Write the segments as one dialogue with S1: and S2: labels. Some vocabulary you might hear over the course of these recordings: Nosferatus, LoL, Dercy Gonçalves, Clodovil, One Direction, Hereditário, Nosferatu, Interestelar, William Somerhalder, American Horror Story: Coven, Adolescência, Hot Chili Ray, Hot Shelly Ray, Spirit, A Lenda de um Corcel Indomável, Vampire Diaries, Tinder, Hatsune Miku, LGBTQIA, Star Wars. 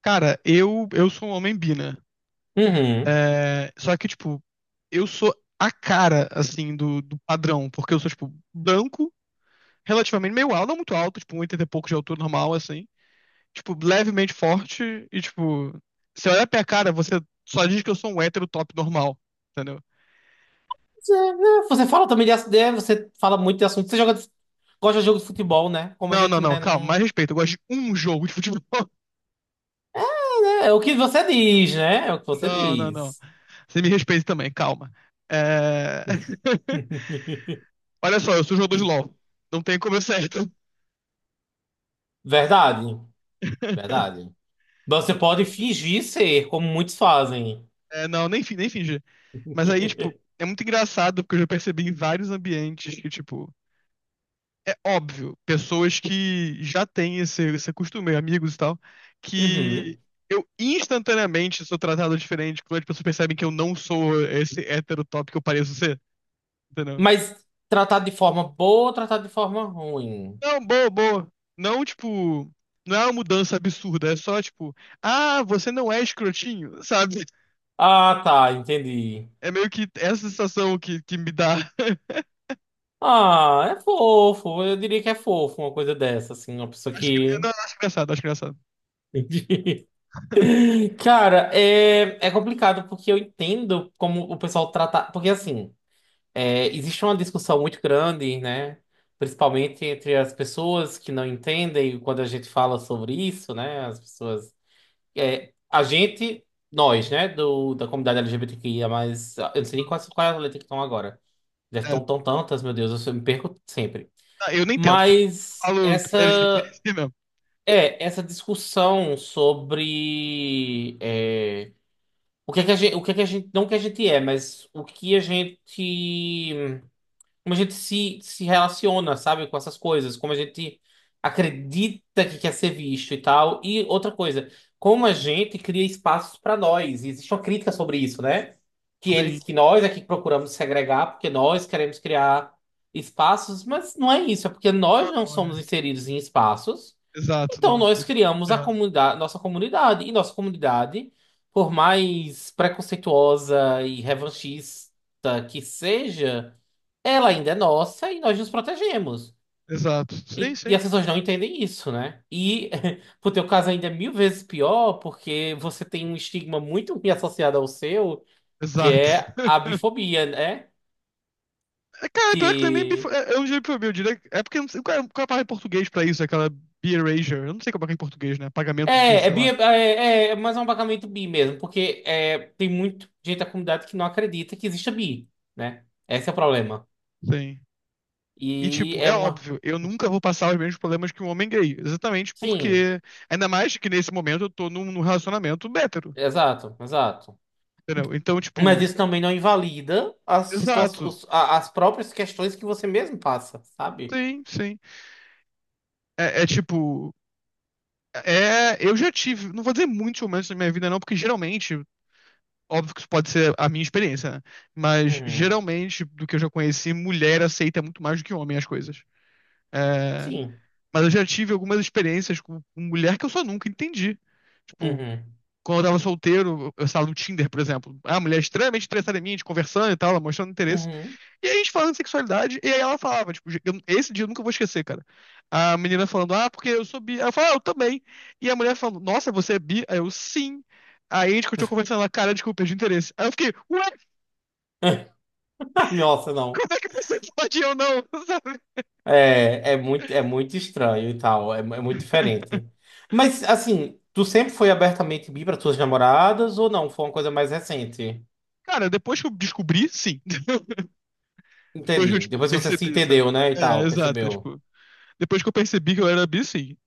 S1: Cara, eu sou um homem bi, né?
S2: Uhum.
S1: É, só que, tipo, eu sou a cara, assim, do padrão, porque eu sou, tipo, branco, relativamente meio alto, não muito alto, tipo, 1,80 e pouco de altura normal, assim. Tipo, levemente forte e, tipo, você olha pra minha cara, você só diz que eu sou um hétero top normal, entendeu?
S2: Você, né, você fala também de assunto, você fala muito de assunto. Você joga, gosta de jogo de futebol, né? Como a
S1: Não, não,
S2: gente,
S1: não,
S2: né,
S1: calma,
S2: não...
S1: mais respeito, eu gosto de um jogo de futebol.
S2: É, é o que você diz, né? É o que você
S1: Não, não, não.
S2: diz.
S1: Você me respeita também, calma. É... Olha só, eu sou jogador de LoL. Não tem como eu ser hétero.
S2: Verdade, verdade. Você pode fingir ser, como muitos fazem.
S1: É, não, nem fingi. Mas aí, tipo, é muito engraçado porque eu já percebi em vários ambientes que, tipo, é óbvio, pessoas que já têm esse costume, amigos e tal, que
S2: Uhum.
S1: eu instantaneamente sou tratado diferente quando as pessoas percebem que eu não sou esse hétero top que eu pareço ser, entendeu?
S2: Mas tratado de forma boa ou tratado de forma ruim?
S1: Não, boa, boa. Não, tipo, não é uma mudança absurda, é só, tipo, ah, você não é escrotinho, sabe?
S2: Ah, tá, entendi.
S1: É meio que essa sensação que me dá.
S2: Ah, é fofo. Eu diria que é fofo uma coisa dessa, assim, uma pessoa
S1: Acho,
S2: que.
S1: não, acho engraçado, acho engraçado.
S2: Cara, é complicado porque eu entendo como o pessoal trata. Porque, assim, existe uma discussão muito grande, né? Principalmente entre as pessoas que não entendem quando a gente fala sobre isso, né? As pessoas. A gente, nós, né? Da comunidade LGBTQIA, mas eu não sei nem quais, quais as letras que estão agora. Já
S1: É,
S2: estão tão tantas, meu Deus, eu me perco sempre.
S1: ah, eu nem tento.
S2: Mas
S1: Falo
S2: essa.
S1: LGBT mesmo.
S2: É, essa discussão sobre. O que é que a gente, o que é que a gente, não o que a gente é, mas o que a gente, como a gente se relaciona, sabe, com essas coisas, como a gente acredita que quer ser visto e tal. E outra coisa, como a gente cria espaços para nós. E existe uma crítica sobre isso, né? Que eles,
S1: Sim.
S2: que nós aqui procuramos segregar porque nós queremos criar espaços, mas não é isso, é porque nós
S1: Ah,
S2: não
S1: não,
S2: somos
S1: é.
S2: inseridos em espaços.
S1: Exato,
S2: Então,
S1: nossa.
S2: nós
S1: Ele falou
S2: criamos a
S1: errado.
S2: comunidade, nossa comunidade. E nossa comunidade, por mais preconceituosa e revanchista que seja, ela ainda é nossa e nós nos protegemos.
S1: Exato. Sim,
S2: E
S1: sim.
S2: as pessoas não entendem isso, né? E pro teu caso ainda é mil vezes pior, porque você tem um estigma muito ruim associado ao seu, que
S1: Exato.
S2: é a bifobia, né?
S1: É, cara, pior que não é nem bifo... é um jeito pra eu diria. É porque eu não sei qual é a palavra em português pra isso, é aquela bi-erasure. Eu não sei como é que é em português, né? Pagamento bi,
S2: É, é
S1: sei
S2: bi,
S1: lá.
S2: é, é mais um abagamento bi mesmo, porque é, tem muita gente da comunidade que não acredita que exista bi, né? Esse é o problema.
S1: Sim. E,
S2: E
S1: tipo,
S2: é
S1: é
S2: uma.
S1: óbvio, eu nunca vou passar os mesmos problemas que um homem gay. Exatamente
S2: Sim,
S1: porque. Ainda mais que nesse momento eu tô num relacionamento hétero.
S2: exato, exato.
S1: Entendeu? Então,
S2: Mas
S1: tipo,
S2: isso também não invalida
S1: exato.
S2: as próprias questões que você mesmo passa, sabe?
S1: Sim, sim. É, tipo. É, eu já tive, não vou dizer muitos momentos na minha vida, não, porque geralmente, óbvio que isso pode ser a minha experiência, né? Mas
S2: Uhum.
S1: geralmente, do que eu já conheci, mulher aceita muito mais do que homem as coisas. É,
S2: Sim.
S1: mas eu já tive algumas experiências com mulher que eu só nunca entendi. Tipo,
S2: Uhum.
S1: quando eu tava solteiro, eu estava no Tinder, por exemplo. Ah, mulher extremamente interessada em mim, a gente conversando e tal, ela mostrando interesse.
S2: Uhum.
S1: E aí a gente falando de sexualidade, e aí ela falava, tipo, esse dia eu nunca vou esquecer, cara. A menina falando, ah, porque eu sou bi. Ela falou, ah, eu também. E a mulher falando, nossa, você é bi? Aí eu, sim. Aí a gente continuou conversando, ela, cara, desculpa, perdi o interesse. Aí eu fiquei, ué,
S2: Nossa, não.
S1: como é que você pode e eu não? Sabe?
S2: É, é muito estranho e tal, é, é muito diferente. Mas, assim, tu sempre foi abertamente bi para tuas namoradas ou não? Foi uma coisa mais recente?
S1: Cara, depois que eu descobri, sim. Depois que eu,
S2: Entendi.
S1: tipo,
S2: Depois que você se
S1: percebi, sabe?
S2: entendeu, né, e
S1: É,
S2: tal,
S1: exato, é,
S2: percebeu.
S1: tipo, depois que eu percebi que eu era bi, sim.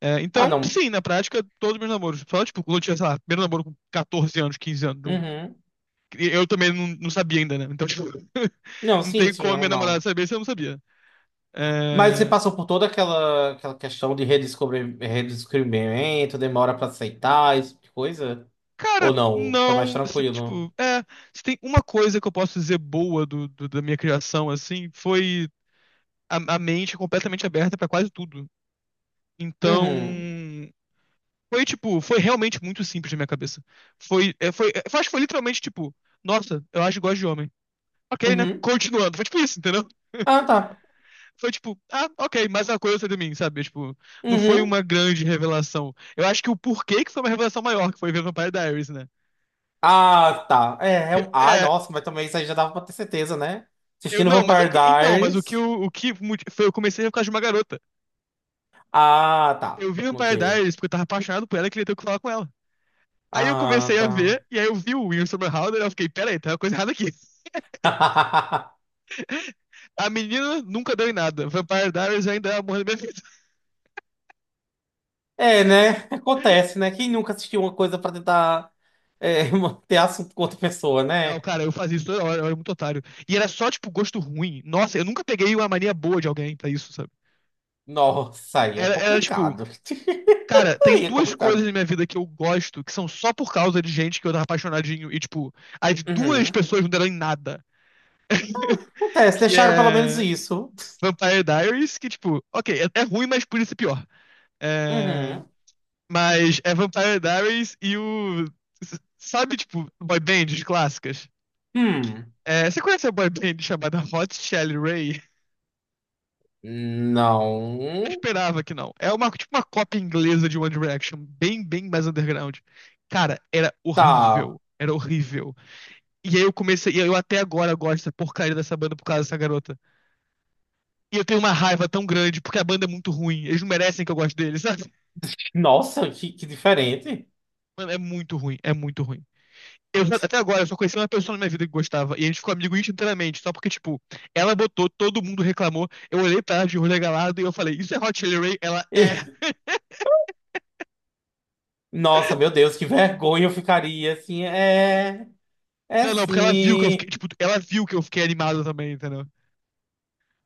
S1: É,
S2: Ah,
S1: então,
S2: não.
S1: sim, na prática, todos meus namoros. Só, tipo, quando eu tinha, sei lá, primeiro namoro com 14 anos, 15 anos.
S2: Uhum.
S1: Eu também não, não sabia ainda, né? Então, tipo,
S2: Não,
S1: não
S2: sim,
S1: tem
S2: sim,
S1: como a minha namorada
S2: normal.
S1: saber se eu não sabia.
S2: Mas você
S1: É,
S2: passou por toda aquela, aquela questão de redescobrir, redescobrimento, demora para aceitar, esse tipo de coisa?
S1: cara,
S2: Ou não? Foi mais
S1: não.
S2: tranquilo?
S1: Tipo, é. Se tem uma coisa que eu posso dizer boa da minha criação, assim, foi a mente completamente aberta pra quase tudo. Então.
S2: Uhum.
S1: Tipo, foi realmente muito simples na minha cabeça. Foi, acho que foi literalmente, tipo, nossa, eu acho que gosto de homem. Ok, né?
S2: Uhum.
S1: Continuando. Foi tipo isso, entendeu?
S2: Ah, tá.
S1: Foi tipo, ah, ok, mais uma coisa de mim, sabe? Tipo, não foi
S2: Uhum.
S1: uma grande revelação. Eu acho que o porquê que foi uma revelação maior, que foi ver Vampire Diaries, né?
S2: Ah, tá. É, é um... Ai,
S1: É,
S2: nossa, mas também isso aí já dava pra ter certeza, né?
S1: eu
S2: Assistindo
S1: não, mas eu.
S2: Vampire
S1: Então, mas o que
S2: Diaries.
S1: foi, eu comecei a ver por causa de uma garota.
S2: Ah,
S1: Eu
S2: tá.
S1: vi
S2: Ok.
S1: Vampire Diaries porque eu tava apaixonado por ela e queria ter o que falar com ela. Aí eu
S2: Ah,
S1: comecei a
S2: tá.
S1: ver, e aí eu vi o William Somerhalder e eu fiquei, peraí, tem uma coisa errada aqui. A menina nunca deu em nada. Vampire Diaries ainda é o amor da minha vida.
S2: É, né? Acontece, né? Quem nunca assistiu uma coisa pra tentar manter assunto com outra pessoa,
S1: Não,
S2: né?
S1: cara, eu fazia isso toda hora, eu era muito otário. E era só, tipo, gosto ruim. Nossa, eu nunca peguei uma mania boa de alguém pra isso, sabe?
S2: Nossa, aí é
S1: Era tipo,
S2: complicado.
S1: cara, tem
S2: Aí é
S1: duas coisas
S2: complicado.
S1: na minha vida que eu gosto que são só por causa de gente que eu tava apaixonadinho e, tipo, as duas
S2: Uhum.
S1: pessoas não deram em nada.
S2: Acontece,
S1: Que
S2: deixaram pelo menos
S1: é
S2: isso.
S1: Vampire Diaries, que, tipo, ok, é ruim, mas por isso é pior. É,
S2: Uhum.
S1: mas é Vampire Diaries e o. Sabe, tipo, boy bands clássicas?
S2: Hum.
S1: É, você conhece a boy band chamada Hot Shelly Ray?
S2: Não.
S1: Eu esperava que não. É uma, tipo uma cópia inglesa de One Direction, bem, bem mais underground. Cara, era
S2: Tá.
S1: horrível. Era horrível. E aí eu comecei, e eu até agora gosto dessa porcaria dessa banda por causa dessa garota. E eu tenho uma raiva tão grande porque a banda é muito ruim. Eles não merecem que eu goste deles, sabe?
S2: Nossa, que diferente.
S1: Mano, é muito ruim, é muito ruim. Até agora eu só conheci uma pessoa na minha vida que gostava, e a gente ficou amigo inteiramente, só porque, tipo, ela botou, todo mundo reclamou. Eu olhei pra ela de olho regalado e eu falei, isso é Hot Chili Ray? Ela é.
S2: Nossa, meu Deus, que vergonha eu ficaria assim. É, é
S1: Não, não, porque ela viu que eu fiquei,
S2: sim.
S1: tipo, ela viu que eu fiquei animado também, entendeu?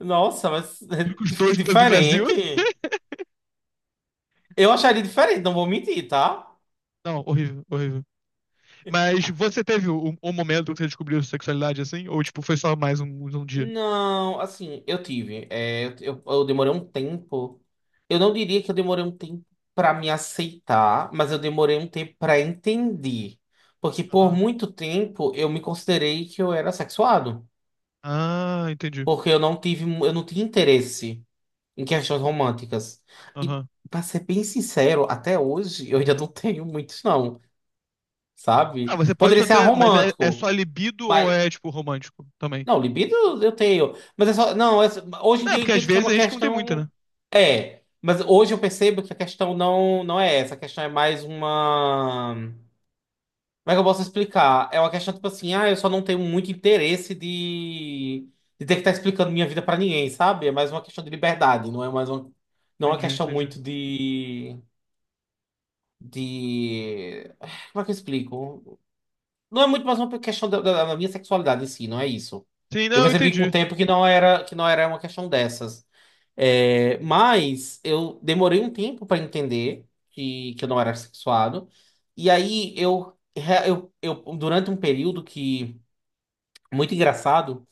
S2: Nossa, mas
S1: Tudo que os
S2: que
S1: dois do Brasil.
S2: diferente. Eu acharia diferente, não vou mentir, tá?
S1: Não, horrível, horrível. Mas você teve um momento que você descobriu sua sexualidade assim? Ou, tipo, foi só mais um dia?
S2: Não, assim, eu tive. Eu demorei um tempo. Eu não diria que eu demorei um tempo pra me aceitar, mas eu demorei um tempo pra entender. Porque por
S1: Aham.
S2: muito tempo eu me considerei que eu era sexuado.
S1: Ah, entendi.
S2: Porque eu não tive, eu não tinha interesse. Em questões românticas. E,
S1: Aham.
S2: pra ser bem sincero, até hoje eu ainda não tenho muitos, não,
S1: Ah,
S2: sabe?
S1: você pode
S2: Poderia
S1: só
S2: ser
S1: ter, mas é só
S2: aromântico,
S1: libido ou
S2: mas.
S1: é, tipo, romântico também?
S2: Não, libido eu tenho. Mas é só. Não, hoje em
S1: É,
S2: dia eu
S1: porque às
S2: entendo que é
S1: vezes a
S2: uma
S1: gente não tem muita,
S2: questão.
S1: né?
S2: É. Mas hoje eu percebo que a questão não, não é essa. A questão é mais uma. Como é que eu posso explicar? É uma questão tipo assim, ah, eu só não tenho muito interesse de ter que estar explicando minha vida pra ninguém, sabe? É mais uma questão de liberdade, não é mais uma, não é uma
S1: Entendi,
S2: questão
S1: entendi.
S2: muito de. De. Como é que eu explico? Não é muito mais uma questão da minha sexualidade em si, não é isso.
S1: Sim,
S2: Eu
S1: não,
S2: percebi com o
S1: entendi.
S2: tempo que não era uma questão dessas. É, mas eu demorei um tempo para entender que eu não era sexuado. E aí eu durante um período que muito engraçado,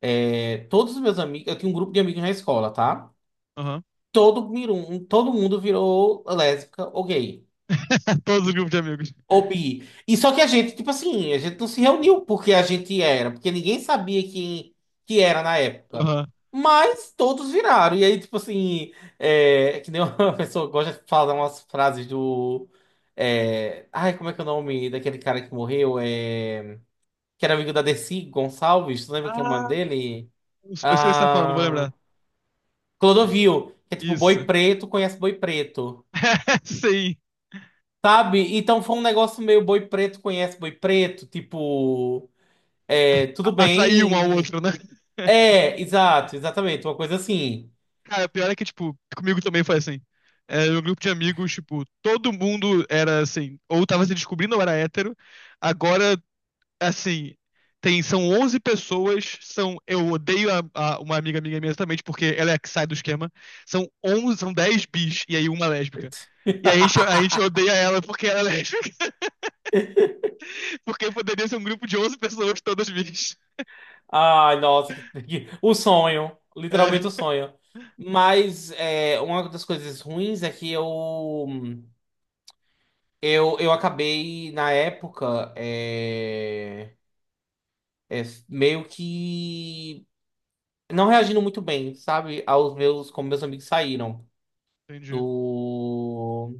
S2: é, todos os meus amigos, eu tinha um grupo de amigos na escola, tá?
S1: Aham.
S2: Todo, todo mundo virou lésbica ou gay.
S1: Todos os grupos de amigos.
S2: Ô, bi. E só que a gente, tipo assim, a gente não se reuniu porque a gente era, porque ninguém sabia quem que era na época.
S1: Aham.
S2: Mas todos viraram. E aí, tipo assim, é, é que nem uma pessoa gosta de falar umas frases do. É, ai, como é que é o nome daquele cara que morreu? É, que era amigo da Dercy Gonçalves, tu lembra quem é o nome
S1: Ah,
S2: dele?
S1: eu sei o que você tá falando, vou
S2: Ah,
S1: lembrar.
S2: Clodovil, que é tipo boi
S1: Isso.
S2: preto, conhece boi preto.
S1: Sim.
S2: Sabe? Então foi um negócio meio boi preto conhece boi preto, tipo. É, tudo
S1: Atrair um ao
S2: bem.
S1: outro, né?
S2: É, exato, exatamente, uma coisa assim.
S1: Cara, o pior é que, tipo, comigo também foi assim. Era um grupo de amigos, tipo, todo mundo era assim, ou tava se descobrindo ou era hétero. Agora, assim, tem, são 11 pessoas, eu odeio uma amiga minha imensamente porque ela é a que sai do esquema. São 11, são 10 bis e aí uma é lésbica. E aí a gente odeia ela porque ela é lésbica, porque poderia ser um grupo de 11 pessoas todas bis.
S2: Ai, nossa, que, o sonho, literalmente o
S1: É,
S2: sonho. Mas é, uma das coisas ruins é que eu acabei na época é, meio que não reagindo muito bem, sabe, aos meus como meus amigos saíram
S1: entendi.
S2: do.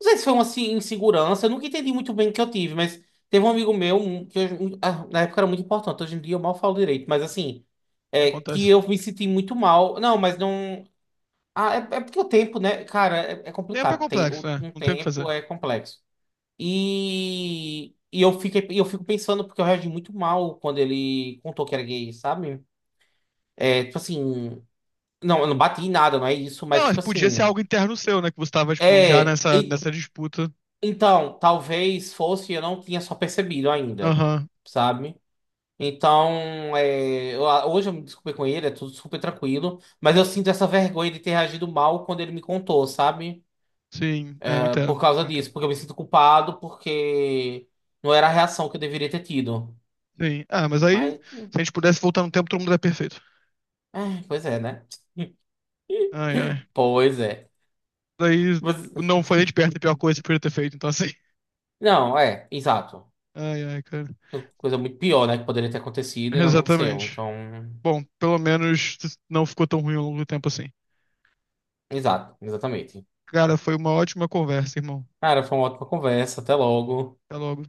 S2: Não sei se foi uma assim, insegurança, eu nunca entendi muito bem o que eu tive, mas teve um amigo meu, um, que um, ah, na época era muito importante, hoje em dia eu mal falo direito, mas assim, é, que
S1: Acontece.
S2: eu me senti muito mal. Não, mas não. Ah, é, é porque o tempo, né? Cara, é, é
S1: Tempo é
S2: complicado. Tem,
S1: complexo,
S2: o,
S1: né?
S2: um
S1: Não tem o que fazer.
S2: tempo é complexo. E eu fiquei, eu fico pensando, porque eu reagi muito mal quando ele contou que era gay, sabe? É, tipo assim. Não, eu não bati em nada, não é isso,
S1: Não,
S2: mas
S1: mas
S2: tipo
S1: podia ser
S2: assim.
S1: algo interno seu, né? Que você tava, tipo, já
S2: É.
S1: nessa disputa.
S2: Então, talvez fosse, eu não tinha só percebido ainda,
S1: Aham,
S2: sabe? Então, hoje eu me desculpei com ele, é tudo super tranquilo, mas eu sinto essa vergonha de ter reagido mal quando ele me contou, sabe?
S1: sim, é, eu
S2: É, por
S1: entendo,
S2: causa
S1: eu
S2: disso,
S1: entendo.
S2: porque eu me sinto culpado, porque não era a reação que eu deveria ter tido.
S1: Sim. Ah, mas aí, se
S2: Mas,
S1: a gente pudesse voltar no tempo, todo mundo era perfeito.
S2: é, pois é, né?
S1: Ai, ai.
S2: Pois é.
S1: Daí
S2: Mas-
S1: não foi nem de perto a pior coisa que podia ter feito, então assim.
S2: não, é, exato.
S1: Ai, ai, cara.
S2: Coisa muito pior, né, que poderia ter acontecido e não aconteceu.
S1: Exatamente.
S2: Então,
S1: Bom, pelo menos não ficou tão ruim ao longo do tempo assim.
S2: exato, exatamente.
S1: Cara, foi uma ótima conversa, irmão.
S2: Cara, foi uma ótima conversa. Até logo.
S1: Até logo.